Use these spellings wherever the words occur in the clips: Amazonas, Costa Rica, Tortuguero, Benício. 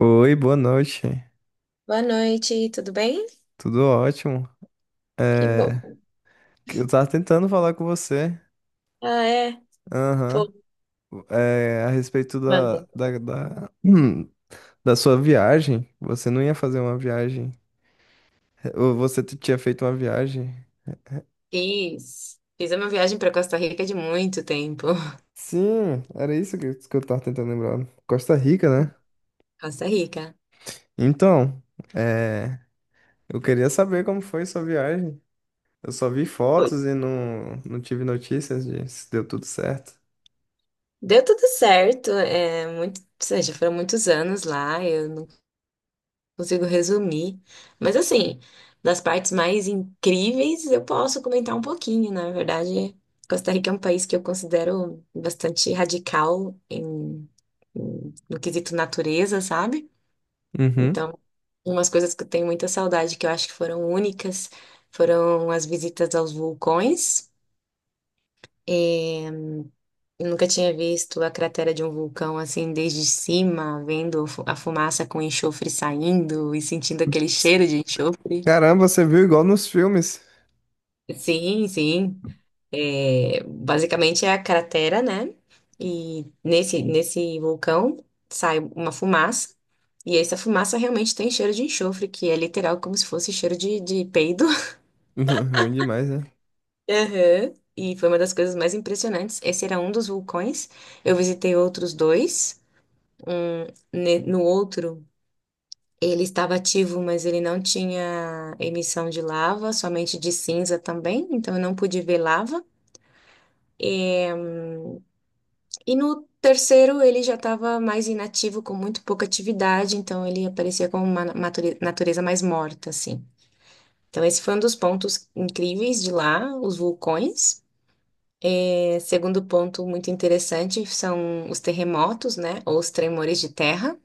Oi, boa noite. Boa noite, tudo bem? Tudo ótimo. Que É, bom. que eu tava tentando falar com você, Ah, é? aham. Pô, É, a respeito manda. Da sua viagem. Você não ia fazer uma viagem, ou você tinha feito uma viagem. Fiz. Fiz a minha viagem para Costa Rica de muito tempo. Sim, era isso que eu tava tentando lembrar. Costa Rica, né? Costa Rica. Então, é, eu queria saber como foi sua viagem. Eu só vi Foi. fotos e não, não tive notícias de se deu tudo certo. Deu tudo certo. É muito, ou seja, foram muitos anos lá, eu não consigo resumir. Mas assim, das partes mais incríveis eu posso comentar um pouquinho. Na verdade, Costa Rica é um país que eu considero bastante radical no quesito natureza, sabe? Uhum. Então, umas coisas que eu tenho muita saudade, que eu acho que foram únicas, foram as visitas aos vulcões. E eu nunca tinha visto a cratera de um vulcão assim desde cima, vendo a fumaça com enxofre saindo e sentindo aquele cheiro de enxofre. Caramba, você viu igual nos filmes. Sim, sim. É, basicamente é a cratera, né? E nesse vulcão sai uma fumaça. E essa fumaça realmente tem cheiro de enxofre, que é literal como se fosse cheiro de peido. Ruim demais, né? Aham. E foi uma das coisas mais impressionantes. Esse era um dos vulcões. Eu visitei outros dois. Um, no outro, ele estava ativo, mas ele não tinha emissão de lava, somente de cinza também, então eu não pude ver lava. E no terceiro, ele já estava mais inativo, com muito pouca atividade, então ele aparecia como uma natureza mais morta, assim. Então, esse foi um dos pontos incríveis de lá, os vulcões. Segundo ponto muito interessante são os terremotos, né? Ou os tremores de terra,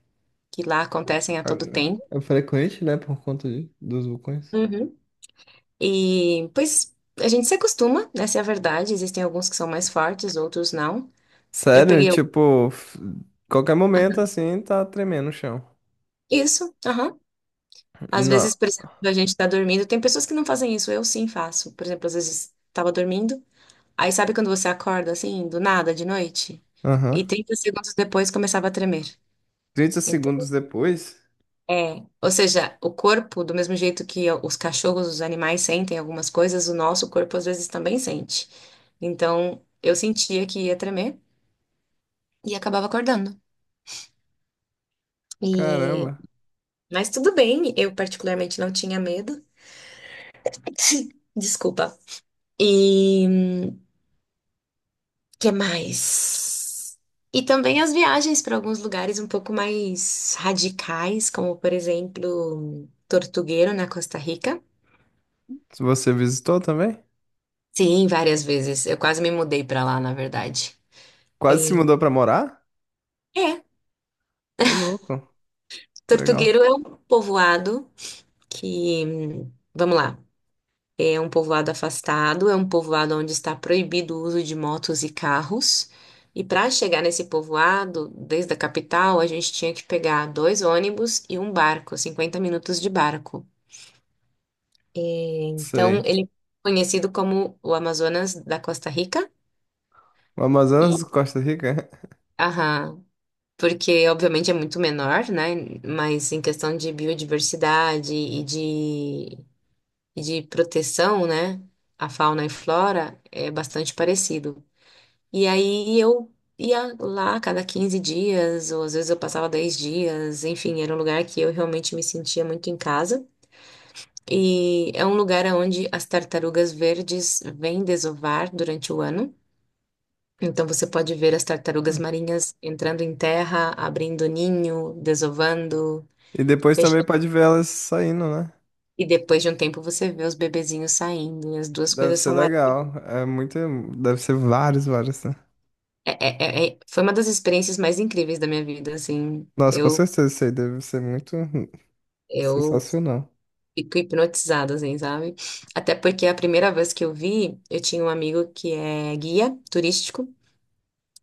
que lá acontecem a Ah, todo tempo. é frequente, né? Por conta dos vulcões. Uhum. E, pois, a gente se acostuma, essa é a verdade. Existem alguns que são mais fortes, outros não. Eu Sério, peguei o- tipo, qualquer momento assim tá tremendo o chão. isso, aham. Às Não. vezes, por exemplo, a gente tá dormindo. Tem pessoas que não fazem isso, eu sim faço. Por exemplo, às vezes estava dormindo. Aí sabe quando você acorda assim, do nada, de noite? Aham. E 30 segundos depois começava a tremer. trinta Então, segundos depois? É, ou seja, o corpo, do mesmo jeito que os cachorros, os animais sentem algumas coisas, o nosso corpo às vezes também sente. Então, eu sentia que ia tremer e acabava acordando. E Caramba. mas tudo bem, eu particularmente não tinha medo. Desculpa. E que mais? E também as viagens para alguns lugares um pouco mais radicais, como por exemplo, Tortuguero na Costa Rica. Você visitou também? Sim, várias vezes. Eu quase me mudei para lá, na verdade. Quase se mudou pra morar? É, Ô, louco, que legal. Tortugueiro é um povoado que, vamos lá, é um povoado afastado, é um povoado onde está proibido o uso de motos e carros. E para chegar nesse povoado, desde a capital, a gente tinha que pegar dois ônibus e um barco, 50 minutos de barco. Então, Sei. ele é conhecido como o Amazonas da Costa Rica. O Amazonas, E, Costa Rica. aham, porque obviamente é muito menor, né? Mas em questão de biodiversidade e de proteção, né, à fauna e flora é bastante parecido. E aí eu ia lá a cada 15 dias, ou às vezes eu passava 10 dias, enfim, era um lugar que eu realmente me sentia muito em casa. E é um lugar onde as tartarugas verdes vêm desovar durante o ano. Então você pode ver as tartarugas marinhas entrando em terra, abrindo ninho, desovando, E depois também fechando. pode ver elas saindo, né? E depois de um tempo você vê os bebezinhos saindo. E as duas Deve coisas ser são legal. É muito. Deve ser vários, vários, né? é- é- foi uma das experiências mais incríveis da minha vida, assim. Nossa, com Eu, certeza isso aí deve ser muito eu sensacional. fico hipnotizada, assim, sabe? Até porque a primeira vez que eu vi, eu tinha um amigo que é guia turístico,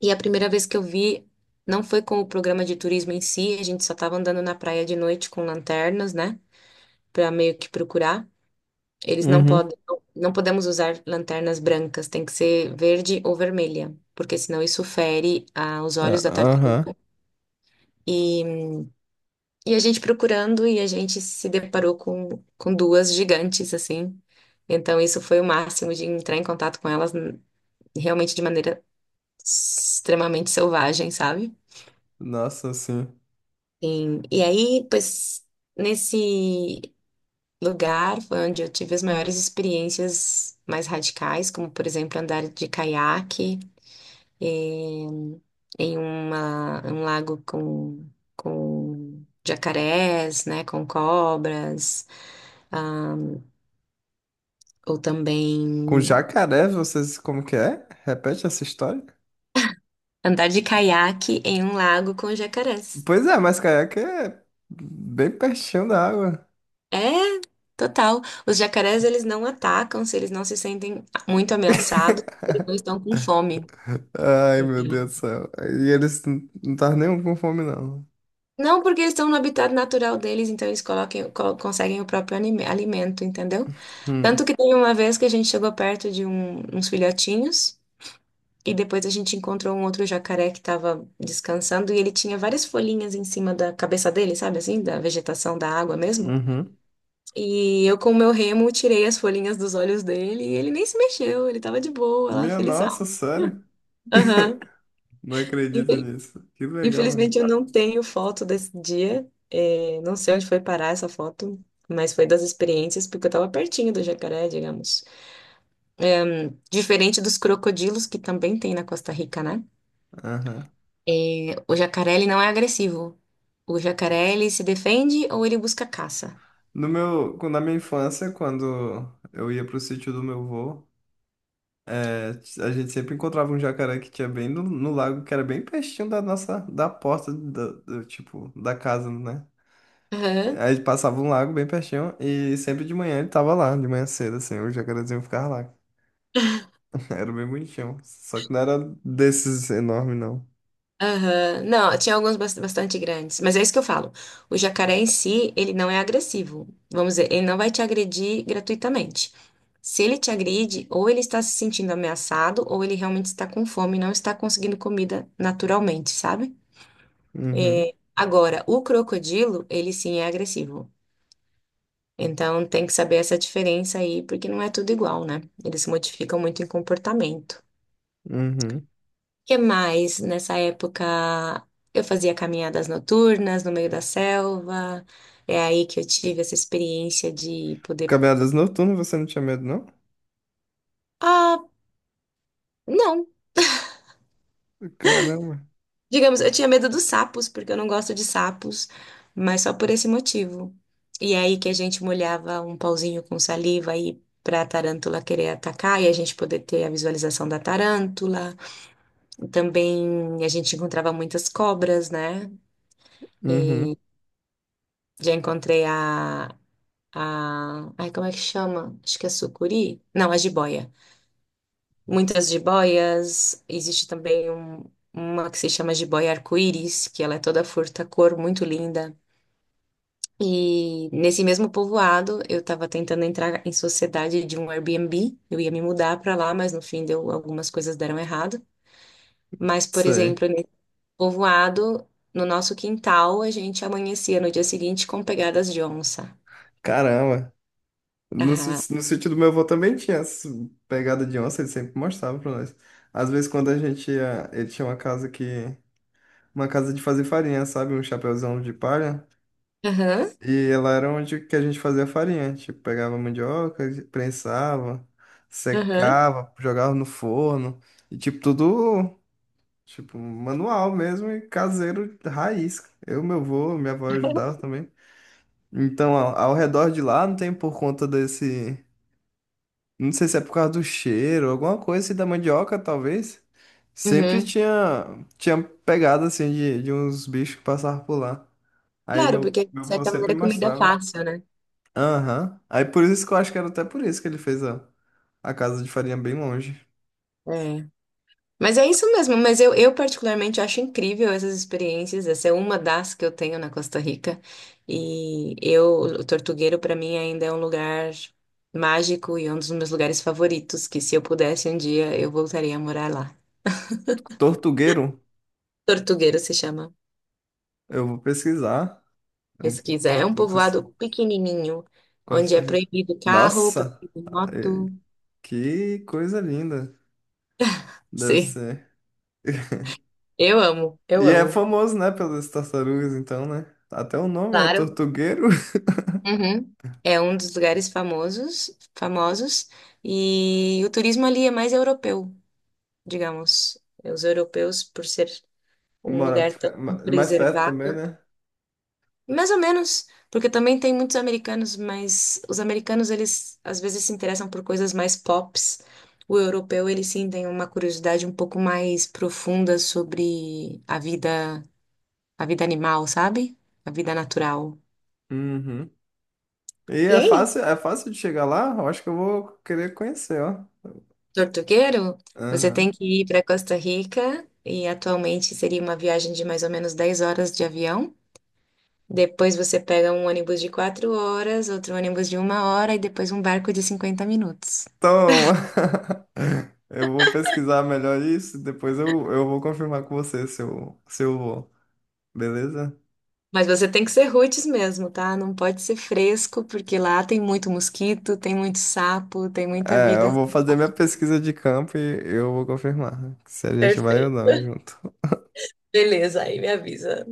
e a primeira vez que eu vi não foi com o programa de turismo em si, a gente só tava andando na praia de noite com lanternas, né? Pra meio que procurar. Eles não Uhum. podem, não podemos usar lanternas brancas, tem que ser verde ou vermelha, porque senão isso fere, os Ah, olhos da aham. tartaruga. E E a gente procurando e a gente se deparou com duas gigantes, assim. Então, isso foi o máximo de entrar em contato com elas realmente de maneira extremamente selvagem, sabe? Nossa, sim. E aí, pois, nesse lugar foi onde eu tive as maiores experiências mais radicais, como, por exemplo, andar de caiaque em, em um lago com jacarés, né, com cobras. ah, Ou também Com jacaré, vocês como que é? Repete essa história? andar de caiaque em um lago com jacarés. Pois é, mas caiaque é bem pertinho da água. É, total. Os jacarés, eles não atacam se eles não se sentem muito ameaçados, eles não estão com fome. Ai, meu Então, Deus do céu. E eles não estavam nem com fome, não. não, porque eles estão no habitat natural deles, então eles coloquem, conseguem o próprio alimento, entendeu? Tanto Hum, que teve uma vez que a gente chegou perto de uns filhotinhos e depois a gente encontrou um outro jacaré que estava descansando e ele tinha várias folhinhas em cima da cabeça dele, sabe assim, da vegetação da água mesmo. uhum. E eu, com o meu remo, tirei as folhinhas dos olhos dele e ele nem se mexeu, ele tava de boa, lá, Minha feliz. nossa, sério? Aham. Não acredito Infel- nisso. Que legal, né? Infelizmente eu não tenho foto desse dia. É, não sei onde foi parar essa foto, mas foi das experiências, porque eu tava pertinho do jacaré, digamos. Diferente dos crocodilos, que também tem na Costa Rica, né? Aham. O jacaré, ele não é agressivo. O jacaré, ele se defende ou ele busca caça. No meu, quando- Na minha infância, quando eu ia pro sítio do meu avô, é, a gente sempre encontrava um jacaré que tinha bem no lago, que era bem pertinho da nossa, da porta, da, do, tipo, da casa, né? Aí passava um lago bem pertinho e sempre de manhã ele tava lá, de manhã cedo, assim, o jacarezinho ficava lá. Era bem bonitinho. Só que não era desses enormes, não. Aham. Não, tinha alguns bastante grandes, mas é isso que eu falo. O jacaré em si, ele não é agressivo. Vamos dizer, ele não vai te agredir gratuitamente. Se ele te agride, ou ele está se sentindo ameaçado, ou ele realmente está com fome e não está conseguindo comida naturalmente, sabe? Uhum, É, agora, o crocodilo, ele sim é agressivo. Então tem que saber essa diferença aí, porque não é tudo igual, né? Eles se modificam muito em comportamento. uhum. Que mais? Nessa época eu fazia caminhadas noturnas no meio da selva. É aí que eu tive essa experiência de poder. Caminhadas noturnas, você não tinha medo, não? Ah, não. Caramba. Digamos, eu tinha medo dos sapos, porque eu não gosto de sapos, mas só por esse motivo. E é aí que a gente molhava um pauzinho com saliva aí para a tarântula querer atacar e a gente poder ter a visualização da tarântula. Também a gente encontrava muitas cobras, né? Uhum, Já encontrei a. Ai, como é que chama? Acho que é sucuri? Não, a jiboia. Muitas jiboias. Existe também uma que se chama jiboia arco-íris, que ela é toda furta-cor, muito linda. E nesse mesmo povoado, eu estava tentando entrar em sociedade de um Airbnb. Eu ia me mudar para lá, mas no fim deu, algumas coisas deram errado. Mas, por sei. exemplo, nesse povoado, no nosso quintal, a gente amanhecia no dia seguinte com pegadas de onça. Caramba. Aham. No sítio do meu avô também tinha essa pegada de onça, ele sempre mostrava pra nós. Às vezes, quando a gente ia, ele tinha uma casa que. Uma casa de fazer farinha, sabe? Um chapéuzão de palha. Aham. E ela era onde que a gente fazia farinha. Tipo, pegava mandioca, prensava, Aham. secava, jogava no forno. E tipo, tudo, tipo, manual mesmo e caseiro raiz. Eu, meu avô, minha avó ajudava também. Então, ao redor de lá, não tem por conta desse. Não sei se é por causa do cheiro, alguma coisa assim da mandioca, talvez. Sempre Uhum. tinha, tinha pegada, assim, de uns bichos que passavam por lá. Aí Claro, meu, porque de meu avô certa sempre maneira é comida é mostrava. fácil, né? Aham. Aí por isso que eu acho que era até por isso que ele fez a casa de farinha bem longe. É. Mas é isso mesmo, mas eu particularmente acho incrível essas experiências, essa é uma das que eu tenho na Costa Rica, e eu, o Tortuguero para mim ainda é um lugar mágico e um dos meus lugares favoritos, que se eu pudesse um dia eu voltaria a morar lá. Tortugueiro, Tortuguero se chama, eu vou pesquisar. Eu pesquisa, é um vou pesquisar. povoado pequenininho, onde Costa é Rica. proibido carro, Nossa, proibido eh, moto, que coisa linda. Deve sim, ser. eu amo, eu E é amo. famoso, né, pelas tartarugas, então, né? Até o nome é Claro. Tortugueiro. Uhum. É um dos lugares famosos, famosos, e o turismo ali é mais europeu, digamos. Os europeus, por ser um Mora lugar tão mais perto também, preservado, né? mais ou menos, porque também tem muitos americanos, mas os americanos, eles às vezes se interessam por coisas mais pops. O europeu, ele sim tem uma curiosidade um pouco mais profunda sobre a vida animal, sabe? A vida natural. Uhum. E E é é fácil de chegar lá? Eu acho que eu vou querer conhecer, ó. Tortugueiro? Você tem Aham. que ir para Costa Rica e atualmente seria uma viagem de mais ou menos 10 horas de avião. Depois você pega um ônibus de 4 horas, outro ônibus de uma hora e depois um barco de 50 minutos. Toma! Eu vou pesquisar melhor isso, depois eu vou confirmar com você se eu vou, beleza? Mas você tem que ser roots mesmo, tá? Não pode ser fresco, porque lá tem muito mosquito, tem muito sapo, tem muita É, vida. eu vou fazer minha pesquisa de campo e eu vou confirmar se a gente vai ou Perfeito. não junto. Beleza, aí me avisa.